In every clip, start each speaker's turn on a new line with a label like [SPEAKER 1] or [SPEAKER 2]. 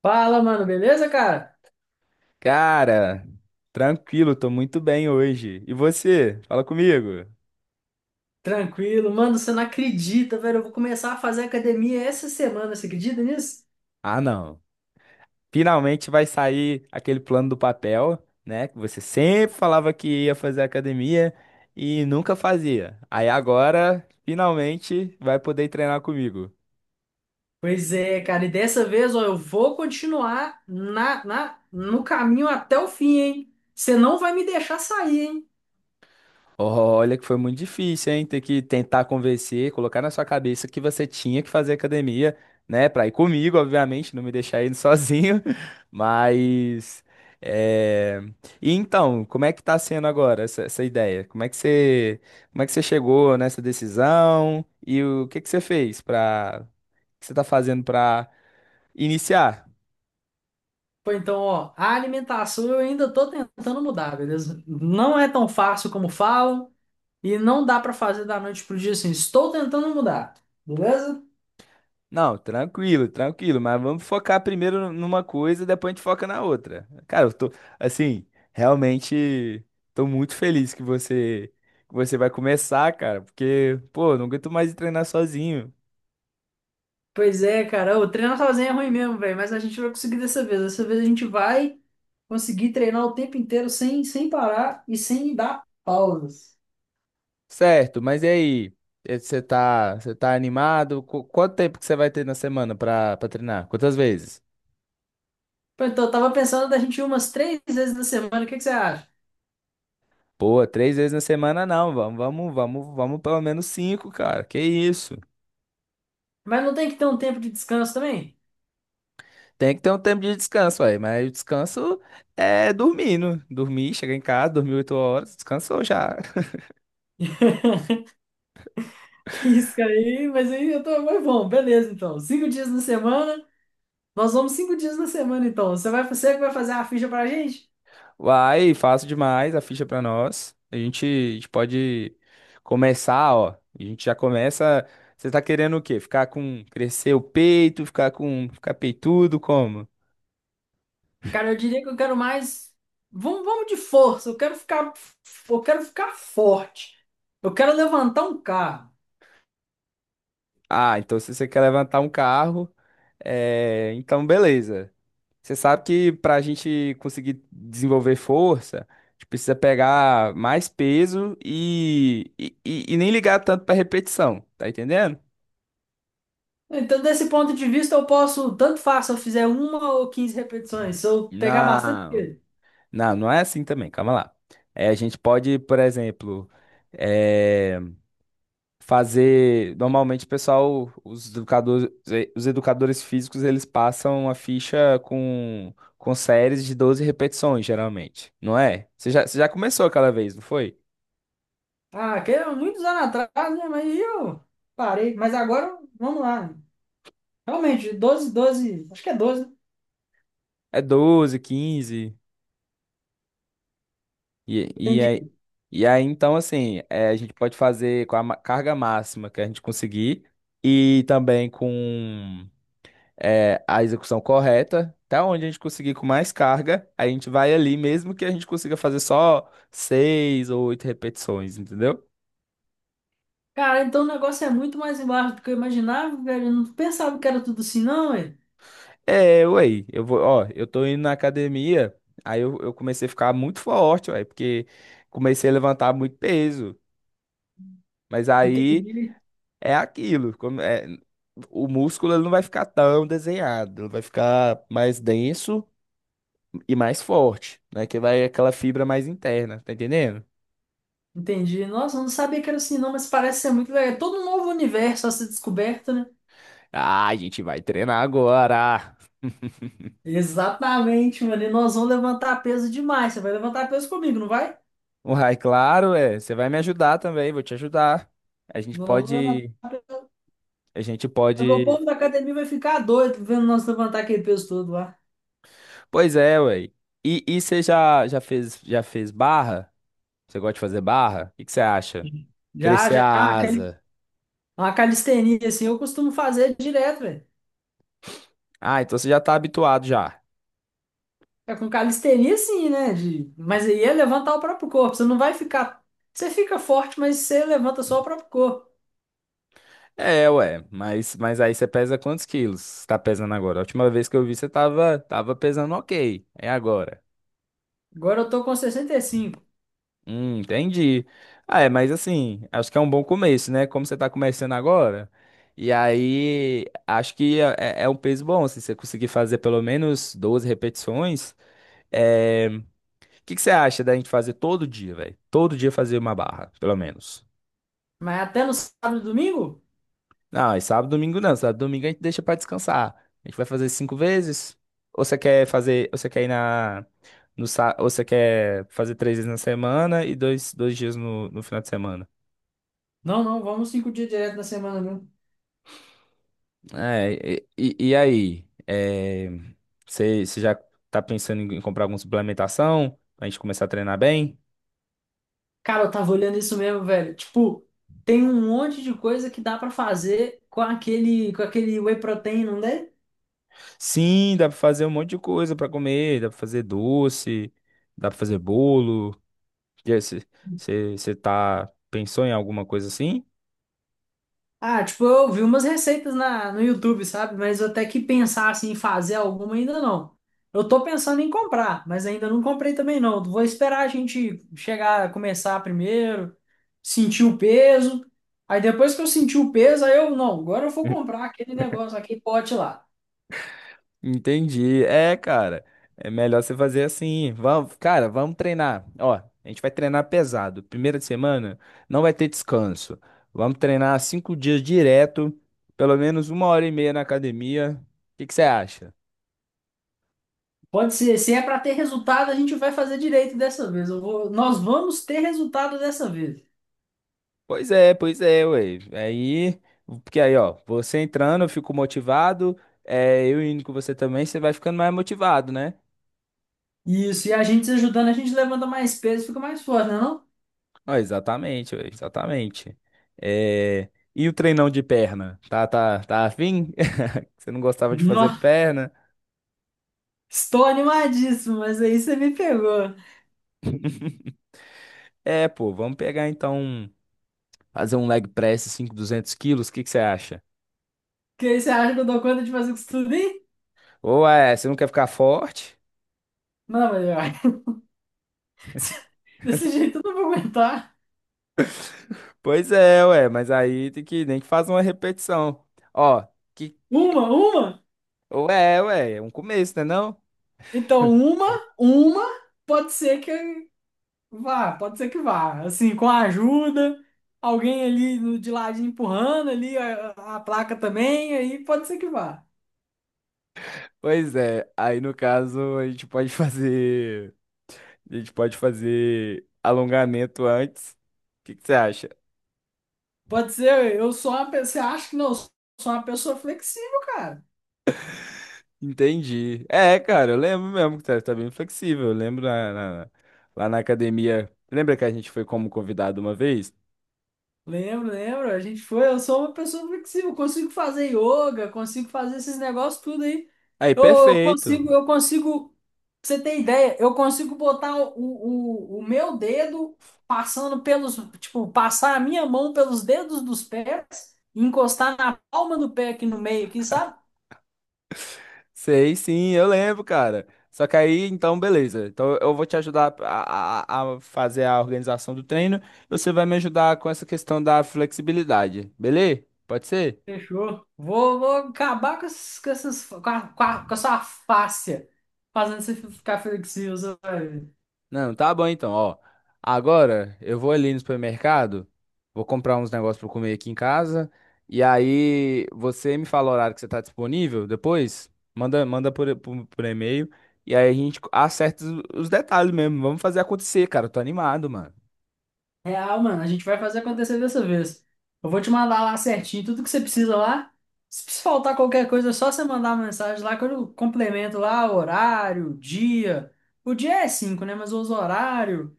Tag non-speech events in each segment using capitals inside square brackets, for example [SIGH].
[SPEAKER 1] Fala, mano, beleza, cara?
[SPEAKER 2] Cara, tranquilo, tô muito bem hoje. E você? Fala comigo.
[SPEAKER 1] Tranquilo, mano, você não acredita, velho. Eu vou começar a fazer academia essa semana, você acredita nisso?
[SPEAKER 2] Ah, não. Finalmente vai sair aquele plano do papel, né? Que você sempre falava que ia fazer academia e nunca fazia. Aí agora, finalmente, vai poder treinar comigo.
[SPEAKER 1] Pois é, cara, e dessa vez, ó, eu vou continuar no caminho até o fim, hein? Você não vai me deixar sair, hein?
[SPEAKER 2] Olha que foi muito difícil, hein? Ter que tentar convencer, colocar na sua cabeça que você tinha que fazer academia, né? Pra ir comigo, obviamente, não me deixar indo sozinho. [LAUGHS] Mas. É... E então, como é que tá sendo agora essa, ideia? Como é que você, como é que você chegou nessa decisão? E o que que você fez pra. O que você tá fazendo pra iniciar?
[SPEAKER 1] Pô, então, ó, a alimentação eu ainda tô tentando mudar, beleza? Não é tão fácil como falam e não dá pra fazer da noite pro dia assim. Estou tentando mudar, beleza?
[SPEAKER 2] Não, tranquilo, tranquilo, mas vamos focar primeiro numa coisa e depois a gente foca na outra. Cara, eu tô, assim, realmente tô muito feliz que você vai começar, cara, porque, pô, não aguento mais treinar sozinho.
[SPEAKER 1] Pois é, cara. O treinar sozinho é ruim mesmo, velho. Mas a gente vai conseguir dessa vez. Dessa vez a gente vai conseguir treinar o tempo inteiro sem parar e sem dar pausas.
[SPEAKER 2] Certo, mas e aí? Você tá animado? Quanto tempo que você vai ter na semana pra, treinar? Quantas vezes?
[SPEAKER 1] Pô, então, eu tava pensando da gente ir umas 3 vezes na semana. O que que você acha?
[SPEAKER 2] Pô, três vezes na semana não, vamos pelo menos cinco, cara. Que isso?
[SPEAKER 1] Mas não tem que ter um tempo de descanso também?
[SPEAKER 2] Tem que ter um tempo de descanso aí, mas o descanso é dormindo. Dormir, chegar em casa, dormir 8 horas, descansou já.
[SPEAKER 1] [LAUGHS] Que isso, cara. Aí, mas aí eu tô. Mas bom, beleza, então. 5 dias na semana. Nós vamos 5 dias na semana, então. Você vai, você que vai fazer a ficha pra gente?
[SPEAKER 2] Vai, fácil demais a ficha pra nós. A gente pode começar, ó. A gente já começa. Você tá querendo o quê? Ficar com. Crescer o peito, ficar com. Ficar peitudo, como?
[SPEAKER 1] Cara, eu diria que eu quero mais. Vamos, vamos de força. Eu quero ficar forte. Eu quero levantar um carro.
[SPEAKER 2] Ah, então se você quer levantar um carro, é, então beleza. Você sabe que para a gente conseguir desenvolver força, a gente precisa pegar mais peso e nem ligar tanto para repetição, tá entendendo?
[SPEAKER 1] Então, desse ponto de vista, eu posso, tanto faz se eu fizer uma ou 15 repetições, se eu pegar bastante
[SPEAKER 2] Não,
[SPEAKER 1] peso.
[SPEAKER 2] não, não é assim também, calma lá. É, a gente pode, por exemplo, é, fazer. Normalmente, o pessoal, os educadores físicos, eles passam a ficha com séries de 12 repetições, geralmente, não é? Você já começou aquela vez, não foi?
[SPEAKER 1] Ah, que é muitos anos atrás, né? Mas aí eu parei. Mas agora, vamos lá. Realmente, 12, 12, acho que é 12, né?
[SPEAKER 2] É 12, quinze. E, e, aí,
[SPEAKER 1] Entendi.
[SPEAKER 2] e aí, então, assim, é, a gente pode fazer com a carga máxima que a gente conseguir e também com é, a execução correta. Até onde a gente conseguir com mais carga, a gente vai ali, mesmo que a gente consiga fazer só seis ou oito repetições, entendeu?
[SPEAKER 1] Cara, então o negócio é muito mais embaixo do que eu imaginava, velho. Eu não pensava que era tudo assim, não, velho.
[SPEAKER 2] É, ué, eu vou, ó, eu tô indo na academia, eu comecei a ficar muito forte, ué, porque comecei a levantar muito peso. Mas aí.
[SPEAKER 1] Entendi.
[SPEAKER 2] É aquilo. O músculo ele não vai ficar tão desenhado, ele vai ficar mais denso e mais forte, né? Que vai aquela fibra mais interna, tá entendendo?
[SPEAKER 1] Entendi. Nossa, eu não sabia que era assim, não, mas parece ser muito legal. É todo um novo universo a ser descoberto, né?
[SPEAKER 2] Ah, a gente vai treinar agora. [LAUGHS]
[SPEAKER 1] Exatamente, mano. E nós vamos levantar peso demais. Você vai levantar peso comigo, não vai?
[SPEAKER 2] O Rai, claro, é. Você vai me ajudar também, vou te ajudar. A gente
[SPEAKER 1] Nós vamos levantar
[SPEAKER 2] pode,
[SPEAKER 1] peso.
[SPEAKER 2] a gente
[SPEAKER 1] O meu
[SPEAKER 2] pode.
[SPEAKER 1] povo da academia vai ficar doido vendo nós levantar aquele peso todo lá.
[SPEAKER 2] Pois é, ué. E você já, já fez barra? Você gosta de fazer barra? O que que você acha?
[SPEAKER 1] Já,
[SPEAKER 2] Crescer a
[SPEAKER 1] já,
[SPEAKER 2] asa.
[SPEAKER 1] uma calistenia, assim, eu costumo fazer direto, velho.
[SPEAKER 2] Ah, então você já tá habituado já.
[SPEAKER 1] É com calistenia, sim, né? Mas aí é levantar o próprio corpo. Você não vai ficar. Você fica forte, mas você levanta só o próprio corpo.
[SPEAKER 2] É, ué, mas aí você pesa quantos quilos? Você tá pesando agora? A última vez que eu vi você tava, tava pesando ok. É agora.
[SPEAKER 1] Agora eu tô com 65.
[SPEAKER 2] Entendi. Ah, é, mas assim, acho que é um bom começo, né? Como você tá começando agora, e aí acho que é, é um peso bom, se você conseguir fazer pelo menos 12 repetições. O que que você acha da gente fazer todo dia, velho? Todo dia fazer uma barra, pelo menos.
[SPEAKER 1] Mas até no sábado e domingo?
[SPEAKER 2] Não, é sábado, domingo não. Sábado, domingo a gente deixa pra descansar. A gente vai fazer cinco vezes. Ou você quer fazer, ou você quer ir na no sá, ou você quer fazer três vezes na semana e dois dias no, no final de semana.
[SPEAKER 1] Não, não, vamos 5 dias direto na semana mesmo.
[SPEAKER 2] É, e aí? É, você, você já tá pensando em comprar alguma suplementação pra gente começar a treinar bem?
[SPEAKER 1] Cara, eu tava olhando isso mesmo, velho. Tipo, tem um monte de coisa que dá pra fazer com aquele whey protein, não é?
[SPEAKER 2] Sim, dá pra fazer um monte de coisa pra comer, dá pra fazer doce, dá pra fazer bolo. E aí, você tá, pensou em alguma coisa assim?
[SPEAKER 1] Ah, tipo, eu vi umas receitas no YouTube, sabe? Mas eu até que pensar assim, em fazer alguma ainda não. Eu tô pensando em comprar, mas ainda não comprei também não. Vou esperar a gente chegar, começar primeiro, sentir o peso. Aí depois que eu sentir o peso, aí eu, não, agora eu vou comprar aquele negócio, aquele pote lá.
[SPEAKER 2] Entendi. É, cara, é melhor você fazer assim. Vamos, cara, vamos treinar. Ó, a gente vai treinar pesado. Primeira semana não vai ter descanso. Vamos treinar cinco dias direto, pelo menos uma hora e meia na academia. O que que você acha?
[SPEAKER 1] Pode ser, se é para ter resultado, a gente vai fazer direito dessa vez. Nós vamos ter resultado dessa vez.
[SPEAKER 2] Pois é, ué. Aí, porque aí, ó, você entrando, eu fico motivado. É, eu indo com você também, você vai ficando mais motivado, né?
[SPEAKER 1] Isso, e a gente se ajudando, a gente levanta mais peso, fica mais forte, não é não?
[SPEAKER 2] Ó, exatamente, ué, exatamente. É. E o treinão de perna? Tá afim? Você não gostava de fazer
[SPEAKER 1] Nossa,
[SPEAKER 2] perna?
[SPEAKER 1] estou animadíssimo, mas aí você me pegou.
[SPEAKER 2] [LAUGHS] É, pô, vamos pegar então, fazer um leg press 5, 200 quilos, o que que você acha?
[SPEAKER 1] Que aí você acha que eu dou conta de fazer com isso tudo aí?
[SPEAKER 2] Ou é, você não quer ficar forte?
[SPEAKER 1] Não, mas olha, [LAUGHS] desse jeito eu não vou aguentar.
[SPEAKER 2] Pois é, ué, mas aí tem que, nem que faça uma repetição. Ó, que,
[SPEAKER 1] Uma, uma?
[SPEAKER 2] ou é, ué, é um começo, né não?
[SPEAKER 1] Então, uma, pode ser que pode ser que vá. Assim, com a ajuda, alguém ali de ladinho empurrando ali a placa também, aí pode ser que vá.
[SPEAKER 2] Pois é, aí no caso a gente pode fazer, a gente pode fazer alongamento antes. O que que você acha?
[SPEAKER 1] Pode ser, eu sou uma pessoa, você acha que não, eu sou uma pessoa flexível, cara.
[SPEAKER 2] Entendi. É, cara, eu lembro mesmo que tá, tá bem flexível. Eu lembro lá na academia. Lembra que a gente foi como convidado uma vez?
[SPEAKER 1] Lembro, lembro. A gente foi. Eu sou uma pessoa flexível. Consigo fazer yoga, consigo fazer esses negócios tudo aí.
[SPEAKER 2] Aí,
[SPEAKER 1] Eu, eu
[SPEAKER 2] perfeito.
[SPEAKER 1] consigo, eu consigo. Pra você ter ideia? Eu consigo botar o meu dedo passando pelos, tipo, passar a minha mão pelos dedos dos pés e encostar na palma do pé aqui no meio, aqui, sabe?
[SPEAKER 2] [LAUGHS] Sei, sim, eu lembro, cara. Só que aí, então, beleza. Então, eu vou te ajudar a fazer a organização do treino. E você vai me ajudar com essa questão da flexibilidade, beleza? Pode ser?
[SPEAKER 1] Fechou. Vou acabar com essas, com a sua fáscia fazendo você ficar flexível, sabe?
[SPEAKER 2] Não, tá bom então, ó. Agora eu vou ali no supermercado, vou comprar uns negócios pra eu comer aqui em casa. E aí você me fala o horário que você tá disponível depois, manda, manda por e-mail. E aí a gente acerta os detalhes mesmo. Vamos fazer acontecer, cara. Eu tô animado, mano.
[SPEAKER 1] Real, mano, a gente vai fazer acontecer dessa vez. Eu vou te mandar lá certinho tudo que você precisa lá. Se precisar faltar qualquer coisa, é só você mandar uma mensagem lá que eu complemento lá horário, dia. O dia é 5, né? Mas os horário.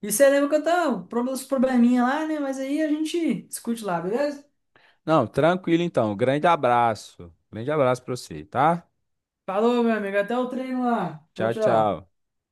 [SPEAKER 1] E você lembra que eu tenho uns probleminha lá, né? Mas aí a gente discute lá, beleza?
[SPEAKER 2] Não, tranquilo então. Grande abraço. Grande abraço pra você, tá?
[SPEAKER 1] Falou, meu amigo. Até o treino lá. Tchau,
[SPEAKER 2] Tchau,
[SPEAKER 1] tchau.
[SPEAKER 2] tchau.